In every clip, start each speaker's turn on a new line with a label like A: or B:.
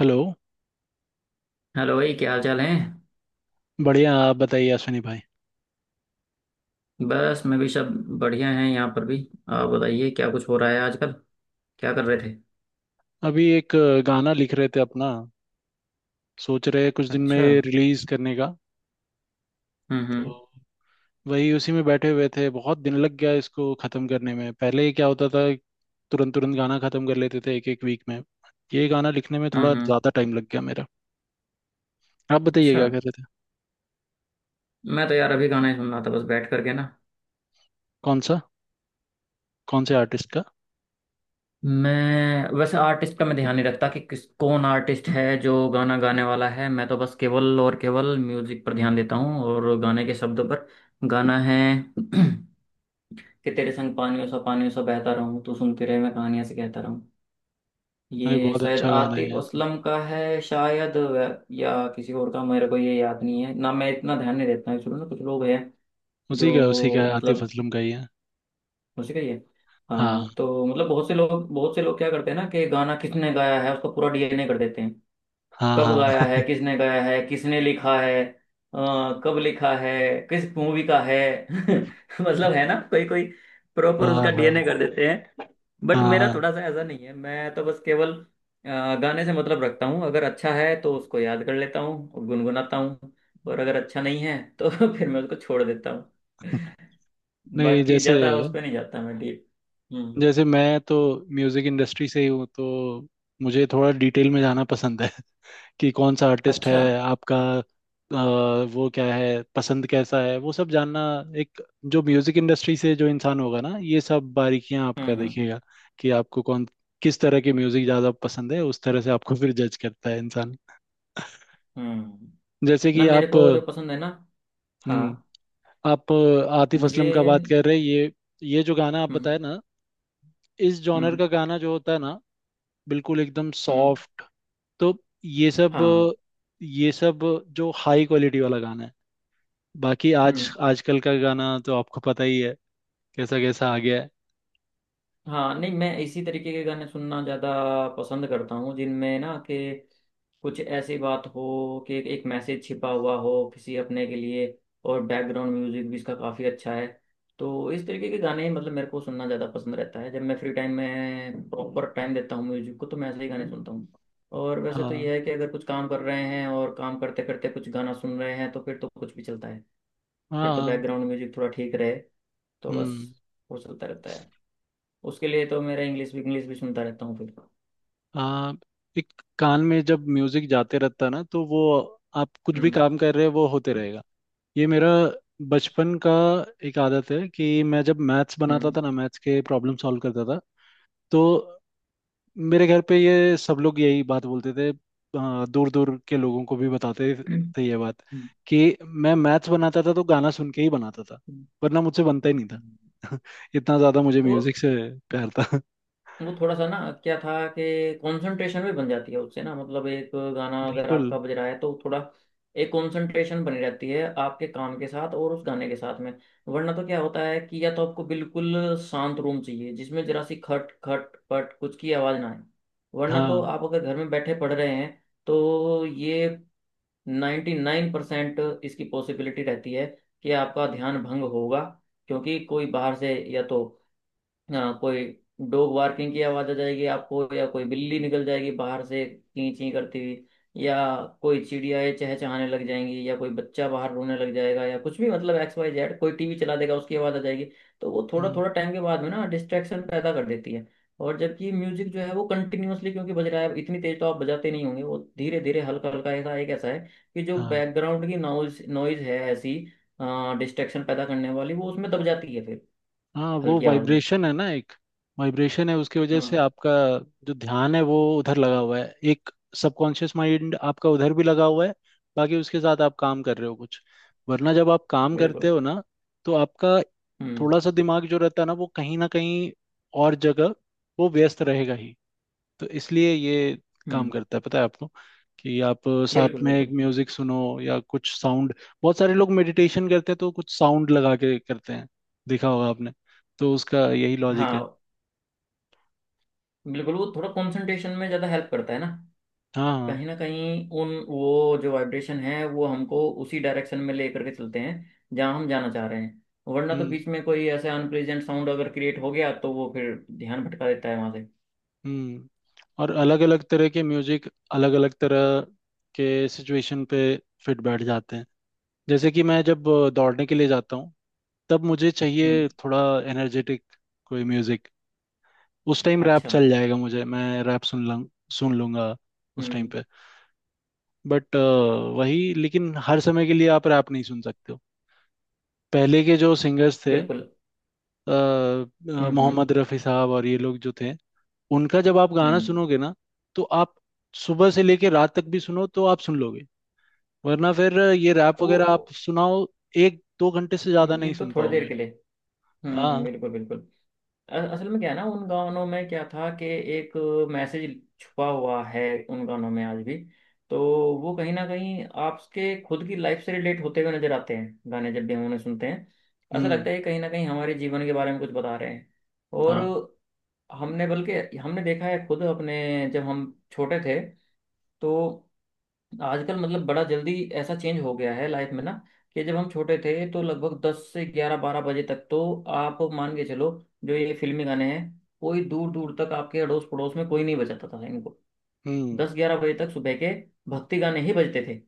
A: Hello.
B: Hello भाई, क्या हाल चाल है?
A: बढ़िया। आप बताइए अश्विनी भाई।
B: बस मैं भी सब बढ़िया हैं। यहाँ पर भी। आप बताइए, क्या कुछ हो रहा है आजकल? क्या कर रहे थे?
A: अभी एक गाना लिख रहे थे अपना। सोच रहे हैं कुछ दिन में
B: अच्छा।
A: रिलीज करने का।
B: हम्म।
A: तो
B: हम्म।
A: वही उसी में बैठे हुए थे। बहुत दिन लग गया इसको खत्म करने में। पहले क्या होता था। तुरंत तुरंत गाना खत्म कर लेते थे एक एक वीक में। ये गाना लिखने में
B: हम्म।
A: थोड़ा
B: हम्म।
A: ज्यादा टाइम लग गया मेरा। आप बताइए
B: अच्छा,
A: क्या कर रहे थे।
B: मैं तो यार अभी गाना ही सुन रहा था, बस बैठ करके ना।
A: कौन सा कौन से आर्टिस्ट का।
B: मैं वैसे आर्टिस्ट का मैं ध्यान नहीं रखता कि किस कौन आर्टिस्ट है जो गाना गाने वाला है। मैं तो बस केवल और केवल म्यूजिक पर ध्यान देता हूँ और गाने के शब्दों पर। गाना है। कि तेरे संग पानियों सा बहता रहूं, तू सुनती रहे मैं कहानियां से कहता।
A: अरे
B: ये
A: बहुत
B: शायद
A: अच्छा गाना है
B: आतिफ
A: यार। तो
B: असलम का है शायद, या किसी और का। मेरे को ये याद नहीं है ना, मैं इतना ध्यान नहीं देता हूँ ना। कुछ लोग हैं
A: उसी का
B: जो
A: है, आतिफ
B: मतलब
A: असलम का ही है।
B: उसी का ही है।
A: हाँ,
B: हाँ, तो मतलब बहुत से लोग, बहुत से लोग क्या करते हैं ना कि गाना किसने गाया है उसका पूरा डीएनए कर देते हैं।
A: हाँ,
B: कब गाया
A: हाँ,
B: है, किसने गाया है, किसने लिखा है, कब लिखा है, किस मूवी का है। मतलब है ना, कोई कोई प्रॉपर
A: हाँ,
B: उसका
A: हाँ,
B: डीएनए कर देते हैं। बट मेरा
A: हाँ।
B: थोड़ा सा ऐसा नहीं है, मैं तो बस केवल गाने से मतलब रखता हूँ। अगर अच्छा है तो उसको याद कर लेता हूँ और गुनगुनाता हूँ, और अगर अच्छा नहीं है तो फिर मैं उसको छोड़ देता हूँ।
A: नहीं,
B: बाकी
A: जैसे
B: ज़्यादा उस पर नहीं जाता मैं डीप। हम्म।
A: जैसे मैं तो म्यूजिक इंडस्ट्री से ही हूँ, तो मुझे थोड़ा डिटेल में जाना पसंद है कि कौन सा आर्टिस्ट है
B: अच्छा।
A: आपका, वो क्या है, पसंद कैसा है, वो सब जानना। एक जो म्यूजिक इंडस्ट्री से जो इंसान होगा ना, ये सब बारीकियां आपका
B: हम्म। हम्म।
A: देखेगा। कि आपको कौन किस तरह की म्यूजिक ज्यादा पसंद है, उस तरह से आपको फिर जज करता है इंसान।
B: हम्म।
A: जैसे
B: ना
A: कि
B: मेरे
A: आप।
B: को जो पसंद है ना। हाँ।
A: हम्म। आप आतिफ
B: मुझे।
A: असलम का बात कर रहे हैं ये जो गाना आप
B: हम्म।
A: बताए ना, इस जॉनर
B: हम्म।
A: का गाना जो होता है ना, बिल्कुल एकदम
B: हम्म।
A: सॉफ्ट। तो ये सब
B: हाँ।
A: ये सब जो हाई क्वालिटी वाला गाना है। बाकी आज
B: हम्म।
A: आजकल का गाना तो आपको पता ही है, कैसा कैसा आ गया है।
B: हाँ नहीं, मैं इसी तरीके के गाने सुनना ज़्यादा पसंद करता हूँ जिनमें ना कि कुछ ऐसी बात हो कि एक मैसेज छिपा हुआ हो किसी अपने के लिए, और बैकग्राउंड म्यूजिक भी इसका काफ़ी अच्छा है। तो इस तरीके के गाने ही मतलब मेरे को सुनना ज़्यादा पसंद रहता है जब मैं फ्री टाइम में प्रॉपर टाइम देता हूँ म्यूजिक को, तो मैं ऐसे ही गाने सुनता हूँ। और वैसे तो
A: हाँ।
B: यह है कि अगर कुछ काम कर रहे हैं और काम करते करते कुछ गाना सुन रहे हैं तो फिर तो कुछ भी चलता है। फिर तो
A: हाँ।
B: बैकग्राउंड म्यूजिक थोड़ा ठीक रहे तो बस
A: हम्म।
B: वो चलता रहता है। उसके लिए तो मेरा इंग्लिश भी सुनता रहता हूँ फिर।
A: हाँ। एक कान में जब म्यूजिक जाते रहता है ना, तो वो आप कुछ भी
B: हम्म।
A: काम कर रहे हो, वो होते रहेगा। ये मेरा बचपन का एक आदत है कि मैं जब मैथ्स बनाता
B: हम्म।
A: था ना, मैथ्स के प्रॉब्लम सॉल्व करता था, तो मेरे घर पे ये सब लोग यही बात बोलते थे। दूर दूर के लोगों को भी बताते
B: हम्म।
A: थे ये बात, कि मैं मैथ्स बनाता था तो गाना सुन के ही बनाता था।
B: हम्म।
A: वरना मुझसे बनता ही नहीं था इतना ज्यादा मुझे
B: वो
A: म्यूजिक से प्यार था।
B: वो थोड़ा सा ना क्या था कि कंसंट्रेशन भी बन जाती है उससे ना। मतलब एक गाना अगर
A: बिल्कुल।
B: आपका बज रहा है तो थोड़ा एक कंसंट्रेशन बनी रहती है आपके काम के साथ और उस गाने के साथ में। वरना तो क्या होता है कि या तो आपको बिल्कुल शांत रूम चाहिए जिसमें जरा सी खट खट पट कुछ की आवाज ना आए, वरना तो
A: हाँ।
B: आप अगर घर में बैठे पढ़ रहे हैं तो ये 99% इसकी पॉसिबिलिटी रहती है कि आपका ध्यान भंग होगा। क्योंकि कोई बाहर से या तो हाँ, कोई डॉग बार्किंग की आवाज आ जाएगी आपको, या कोई बिल्ली निकल जाएगी बाहर से चीं चीं करती हुई, या कोई चिड़ियाएं चहचहाने लग जाएंगी, या कोई बच्चा बाहर रोने लग जाएगा, या कुछ भी मतलब एक्स वाई जेड कोई टीवी चला देगा उसकी आवाज आ जाएगी। तो वो थोड़ा
A: हम्म।
B: थोड़ा टाइम के बाद में ना डिस्ट्रैक्शन पैदा कर देती है। और जबकि म्यूजिक जो है वो कंटिन्यूअसली क्योंकि बज रहा है, इतनी तेज तो आप बजाते नहीं होंगे, वो धीरे धीरे हल्का हल्का ऐसा एक ऐसा है कि जो
A: हाँ,
B: बैकग्राउंड की नॉइज नॉइज है ऐसी डिस्ट्रैक्शन पैदा करने वाली, वो उसमें दब जाती है फिर
A: हाँ, वो
B: हल्की आवाज में।
A: वाइब्रेशन है ना, एक वाइब्रेशन है। उसकी वजह से
B: हम्म।
A: आपका जो ध्यान है, वो उधर लगा हुआ है। एक सबकॉन्शियस माइंड आपका उधर भी लगा हुआ है। बाकी उसके साथ आप काम कर रहे हो कुछ। वरना जब आप काम करते
B: बिल्कुल।
A: हो ना, तो आपका
B: हम्म।
A: थोड़ा सा दिमाग जो रहता है ना, वो कहीं ना कहीं और जगह, वो व्यस्त रहेगा ही। तो इसलिए ये काम
B: हम्म।
A: करता है, पता है आपको, कि आप साथ
B: बिल्कुल
A: में एक
B: बिल्कुल।
A: म्यूजिक सुनो या कुछ साउंड। बहुत सारे लोग मेडिटेशन करते हैं तो कुछ साउंड लगा के करते हैं, देखा होगा आपने। तो उसका यही लॉजिक है।
B: हाँ, बिल्कुल वो थोड़ा कंसंट्रेशन में ज़्यादा हेल्प करता है ना।
A: हाँ, हाँ।
B: कहीं ना कहीं उन वो जो वाइब्रेशन है वो हमको उसी डायरेक्शन में ले करके चलते हैं जहाँ हम जाना चाह रहे हैं। वरना तो
A: हम्म।
B: बीच में कोई ऐसा अनप्लेजेंट साउंड अगर क्रिएट हो गया तो वो फिर ध्यान भटका देता है वहां से।
A: हम्म। और अलग अलग तरह के म्यूजिक अलग अलग तरह के सिचुएशन पे फिट बैठ जाते हैं। जैसे कि मैं जब दौड़ने के लिए जाता हूँ, तब मुझे
B: हम्म।
A: चाहिए थोड़ा एनर्जेटिक कोई म्यूजिक। उस टाइम रैप
B: अच्छा।
A: चल जाएगा मुझे, मैं रैप सुन लूँ, सुन लूंगा उस टाइम
B: हम्म।
A: पे। बट वही, लेकिन हर समय के लिए आप रैप नहीं सुन सकते हो। पहले के जो सिंगर्स थे,
B: बिल्कुल। हम्म। हम्म।
A: मोहम्मद रफ़ी साहब और ये लोग जो थे, उनका जब आप गाना
B: हम्म।
A: सुनोगे ना, तो आप सुबह से लेके रात तक भी सुनो तो आप सुन लोगे। वरना फिर ये रैप
B: वो।
A: वगैरह आप सुनाओ, एक दो घंटे से ज्यादा नहीं
B: ये तो
A: सुन
B: थोड़ी देर
A: पाओगे।
B: के लिए। हम्म।
A: हाँ।
B: बिल्कुल बिल्कुल। असल में क्या है ना, उन गानों में क्या था कि एक मैसेज छुपा हुआ है उन गानों में आज भी। तो वो कहीं ना कहीं आपके खुद की लाइफ से रिलेट होते हुए नजर आते हैं गाने जब भी हम उन्हें सुनते हैं। ऐसा
A: हम्म।
B: लगता है कि कहीं ना कहीं हमारे जीवन के बारे में कुछ बता रहे हैं। और
A: हाँ।
B: हमने, बल्कि हमने देखा है खुद अपने, जब हम छोटे थे तो आजकल मतलब बड़ा जल्दी ऐसा चेंज हो गया है लाइफ में ना। कि जब हम छोटे थे तो लगभग 10 से 11, 12 बजे तक तो आप मान के चलो जो ये फिल्मी गाने हैं, कोई दूर दूर तक आपके अड़ोस पड़ोस में कोई नहीं बजाता था इनको।
A: हम्म।
B: 10, 11 बजे तक सुबह के भक्ति गाने ही बजते थे,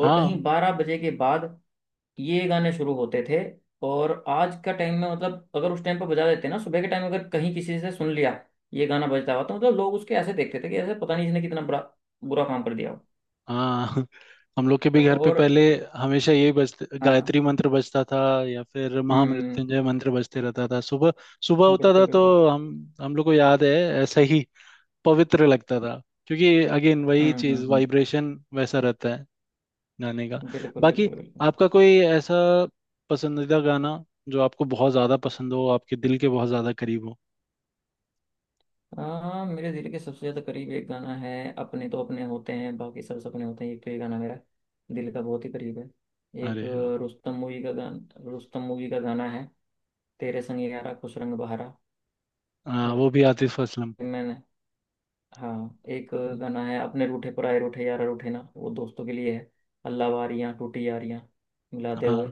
B: और
A: हाँ,
B: कहीं 12 बजे के बाद ये गाने शुरू होते थे। और आज का टाइम में मतलब अगर उस टाइम पर बजा देते ना सुबह के टाइम, अगर कहीं किसी से सुन लिया ये गाना बजता हुआ, तो मतलब लोग उसके ऐसे देखते थे कि ऐसे पता नहीं इसने कितना बुरा बुरा काम कर दिया
A: हाँ, हम लोग के
B: हो।
A: भी घर पे
B: और
A: पहले हमेशा यही बजते
B: हाँ।
A: गायत्री मंत्र बजता था, या फिर
B: हम्म।
A: महामृत्युंजय मंत्र बजते रहता था। सुबह सुबह होता था
B: बिल्कुल
A: तो
B: बिल्कुल।
A: हम हम लोग को याद है, ऐसा ही पवित्र लगता था। क्योंकि अगेन वही
B: हम्म। हम्म।
A: चीज,
B: हम्म।
A: वाइब्रेशन वैसा रहता है गाने का।
B: बिल्कुल
A: बाकी
B: बिल्कुल बिल्कुल।
A: आपका कोई ऐसा पसंदीदा गाना, जो आपको बहुत ज्यादा पसंद हो, आपके दिल के बहुत ज्यादा करीब हो।
B: हाँ, मेरे दिल के सबसे ज्यादा करीब एक गाना है, अपने तो अपने होते हैं बाकी सब सपने होते हैं, एक तो ये गाना मेरा दिल का बहुत ही करीब है।
A: अरे
B: एक
A: वाह।
B: रुस्तम मूवी का गाना है। तेरे संग यारा खुश रंग बहारा।
A: हाँ,
B: और
A: वो भी आतिफ असलम।
B: मैंने, हाँ, एक गाना है अपने रूठे पराए रूठे यारा रूठे ना, वो दोस्तों के लिए है। अल्लाह वारियाँ टूटी यारियां मिला दे
A: हाँ,
B: होए।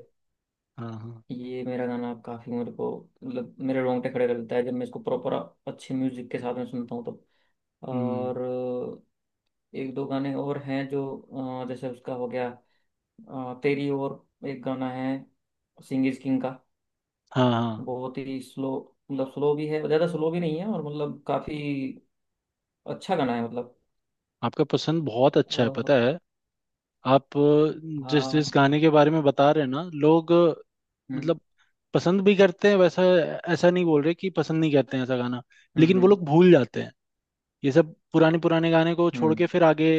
A: हाँ, हाँ।
B: ये मेरा गाना काफी मेरे को मतलब मेरे रोंगटे खड़े कर देता है जब मैं इसको प्रॉपर अच्छे म्यूजिक के साथ में सुनता हूँ तो।
A: हम्म।
B: और एक दो गाने और हैं जो जैसे उसका हो गया तेरी। और एक गाना है सिंग इज किंग का,
A: हाँ, हाँ,
B: बहुत ही स्लो, मतलब स्लो भी है ज्यादा स्लो भी नहीं है और मतलब काफी अच्छा गाना है मतलब।
A: आपका पसंद बहुत अच्छा है,
B: अ,
A: पता है। आप जिस जिस
B: हाँ।
A: गाने के बारे में बता रहे हैं ना, लोग
B: हम्म।
A: मतलब पसंद भी करते हैं वैसा। ऐसा नहीं बोल रहे कि पसंद नहीं करते हैं ऐसा गाना।
B: हम्म।
A: लेकिन वो
B: हम्म।
A: लोग भूल जाते हैं, ये सब पुराने पुराने गाने को छोड़ के
B: हम्म।
A: फिर आगे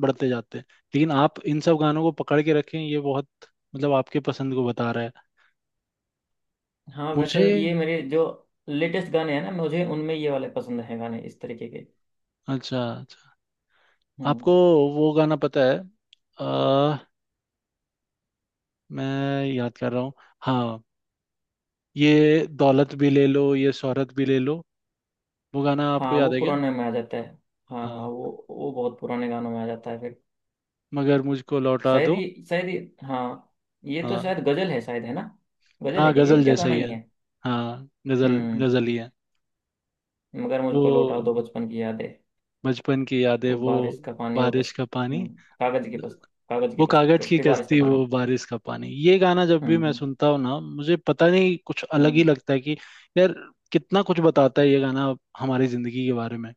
A: बढ़ते जाते हैं। लेकिन आप इन सब गानों को पकड़ के रखें, ये बहुत मतलब आपके पसंद को बता रहा है
B: हाँ वैसे
A: मुझे।
B: ये मेरे जो लेटेस्ट गाने हैं ना मुझे उनमें ये वाले पसंद हैं गाने इस तरीके के।
A: अच्छा, अच्छा।
B: हम्म।
A: आपको वो गाना पता है, अ, मैं याद कर रहा हूँ। हाँ, ये दौलत भी ले लो, ये शोहरत भी ले लो, वो गाना आपको
B: हाँ
A: याद
B: वो
A: है क्या।
B: पुराने में आ जाता है। हाँ हाँ
A: हाँ,
B: वो बहुत पुराने गानों में आ जाता है फिर।
A: मगर मुझको लौटा
B: शायद
A: दो।
B: ये शायद ये, हाँ, ये तो
A: हाँ,
B: शायद गजल है शायद, है ना? गजल
A: हाँ,
B: है क्या ये,
A: गजल
B: या
A: जैसा
B: गाना
A: ही है।
B: ही है?
A: हाँ, गजल
B: हम्म।
A: गजल ही है।
B: मगर
A: वो
B: मुझको लौटा दो बचपन की यादें,
A: बचपन की यादें,
B: वो
A: वो
B: बारिश का पानी, वो
A: बारिश
B: कस।
A: का पानी,
B: हम्म। कागज के पस, कागज के
A: वो
B: पस
A: कागज की
B: कश्ती बारिश का
A: कश्ती, वो
B: पानी।
A: बारिश का पानी, ये गाना जब
B: हम्म।
A: भी मैं
B: हम्म।
A: सुनता हूँ ना, मुझे पता नहीं कुछ अलग ही
B: हम्म।
A: लगता है कि, यार, कितना कुछ बताता है ये गाना हमारी जिंदगी के बारे में।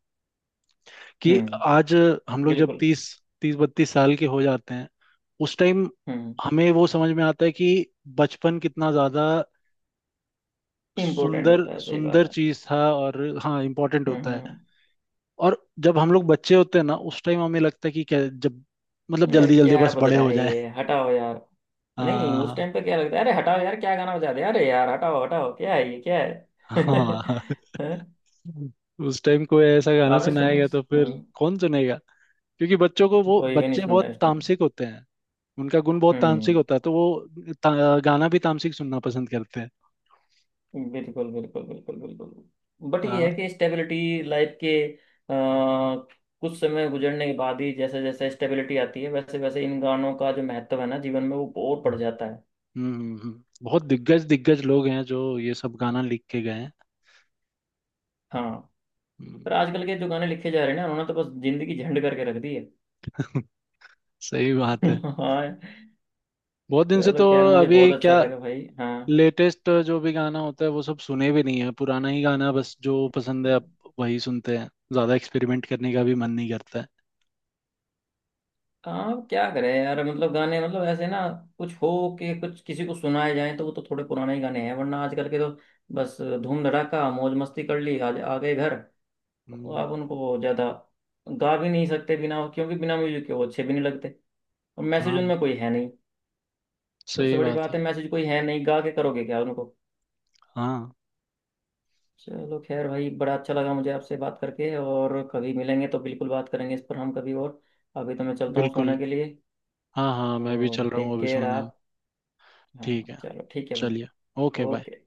A: कि
B: हम्म।
A: आज हम लोग जब
B: बिल्कुल।
A: तीस 30-32 साल के हो जाते हैं, उस टाइम
B: हम्म।
A: हमें वो समझ में आता है कि बचपन कितना ज्यादा
B: इम्पोर्टेंट
A: सुंदर
B: होता है, सही बात
A: सुंदर
B: है।
A: चीज था और हाँ, इम्पोर्टेंट
B: हम्म।
A: होता है।
B: हम्म।
A: और जब हम लोग बच्चे होते हैं ना, उस टाइम हमें लगता है कि क्या जब, मतलब
B: यार
A: जल्दी जल्दी
B: क्या
A: बस
B: बज
A: बड़े
B: रहा
A: हो
B: है
A: जाए।
B: ये, हटाओ यार। नहीं, उस
A: हाँ,
B: टाइम पे क्या लगता है, अरे हटाओ यार, क्या गाना बजा दिया, अरे यार हटाओ हटाओ क्या है ये क्या है।
A: हाँ, हाँ, हाँ।
B: हैं?
A: उस टाइम कोई ऐसा
B: तो
A: गाना
B: आपने
A: सुनाया
B: सुना।
A: गया तो फिर
B: हम्म।
A: कौन सुनेगा, क्योंकि बच्चों को वो
B: कोई भी नहीं
A: बच्चे
B: सुनता
A: बहुत
B: इस टाइम।
A: तामसिक होते हैं। उनका गुण बहुत तामसिक
B: हम्म
A: होता है, तो वो गाना भी तामसिक सुनना पसंद करते हैं।
B: बिल्कुल बिल्कुल बिल्कुल बिल्कुल, बट ये है
A: हाँ।
B: कि स्टेबिलिटी लाइफ के कुछ समय गुजरने के बाद ही जैसे जैसे स्टेबिलिटी आती है वैसे वैसे इन गानों का जो महत्व है ना जीवन में वो और बढ़ जाता है।
A: हम्म, बहुत दिग्गज दिग्गज लोग हैं जो ये सब गाना लिख के गए हैं।
B: हाँ,
A: हम्म।
B: पर आजकल के जो गाने लिखे जा रहे हैं ना उन्होंने तो बस जिंदगी झंड करके रख दी है।
A: सही बात है।
B: हाँ।
A: बहुत दिन से
B: चलो
A: तो
B: खैर, मुझे बहुत
A: अभी
B: अच्छा
A: क्या,
B: लगा भाई। हाँ,
A: लेटेस्ट जो भी गाना होता है वो सब सुने भी नहीं है। पुराना ही गाना, बस जो पसंद है अब वही सुनते हैं। ज्यादा एक्सपेरिमेंट करने का भी मन नहीं करता है।
B: हाँ क्या करें यार, मतलब गाने मतलब ऐसे ना कुछ हो के कुछ किसी को सुनाए जाए तो वो तो थोड़े पुराने ही गाने हैं, वरना आजकल के तो बस धूम धड़ाका मौज मस्ती कर ली आ गए घर।
A: हम्म।
B: आप उनको ज्यादा गा भी नहीं सकते बिना, क्योंकि बिना म्यूजिक के वो अच्छे भी नहीं लगते, और मैसेज
A: हाँ,
B: उनमें कोई है नहीं। सबसे
A: सही
B: बड़ी
A: बात
B: बात
A: है।
B: है मैसेज कोई है नहीं, गा के करोगे क्या उनको।
A: हाँ,
B: चलो खैर भाई, बड़ा अच्छा लगा मुझे आपसे बात करके, और कभी मिलेंगे तो बिल्कुल बात करेंगे इस पर हम कभी और। अभी तो मैं चलता हूँ सोने
A: बिल्कुल।
B: के लिए।
A: हाँ, हाँ, मैं भी चल
B: और
A: रहा
B: टेक
A: हूँ अभी
B: केयर
A: सोने।
B: आप।
A: ठीक
B: हाँ
A: है।
B: चलो ठीक है भाई।
A: चलिए। Okay, bye.
B: Okay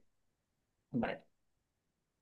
B: bye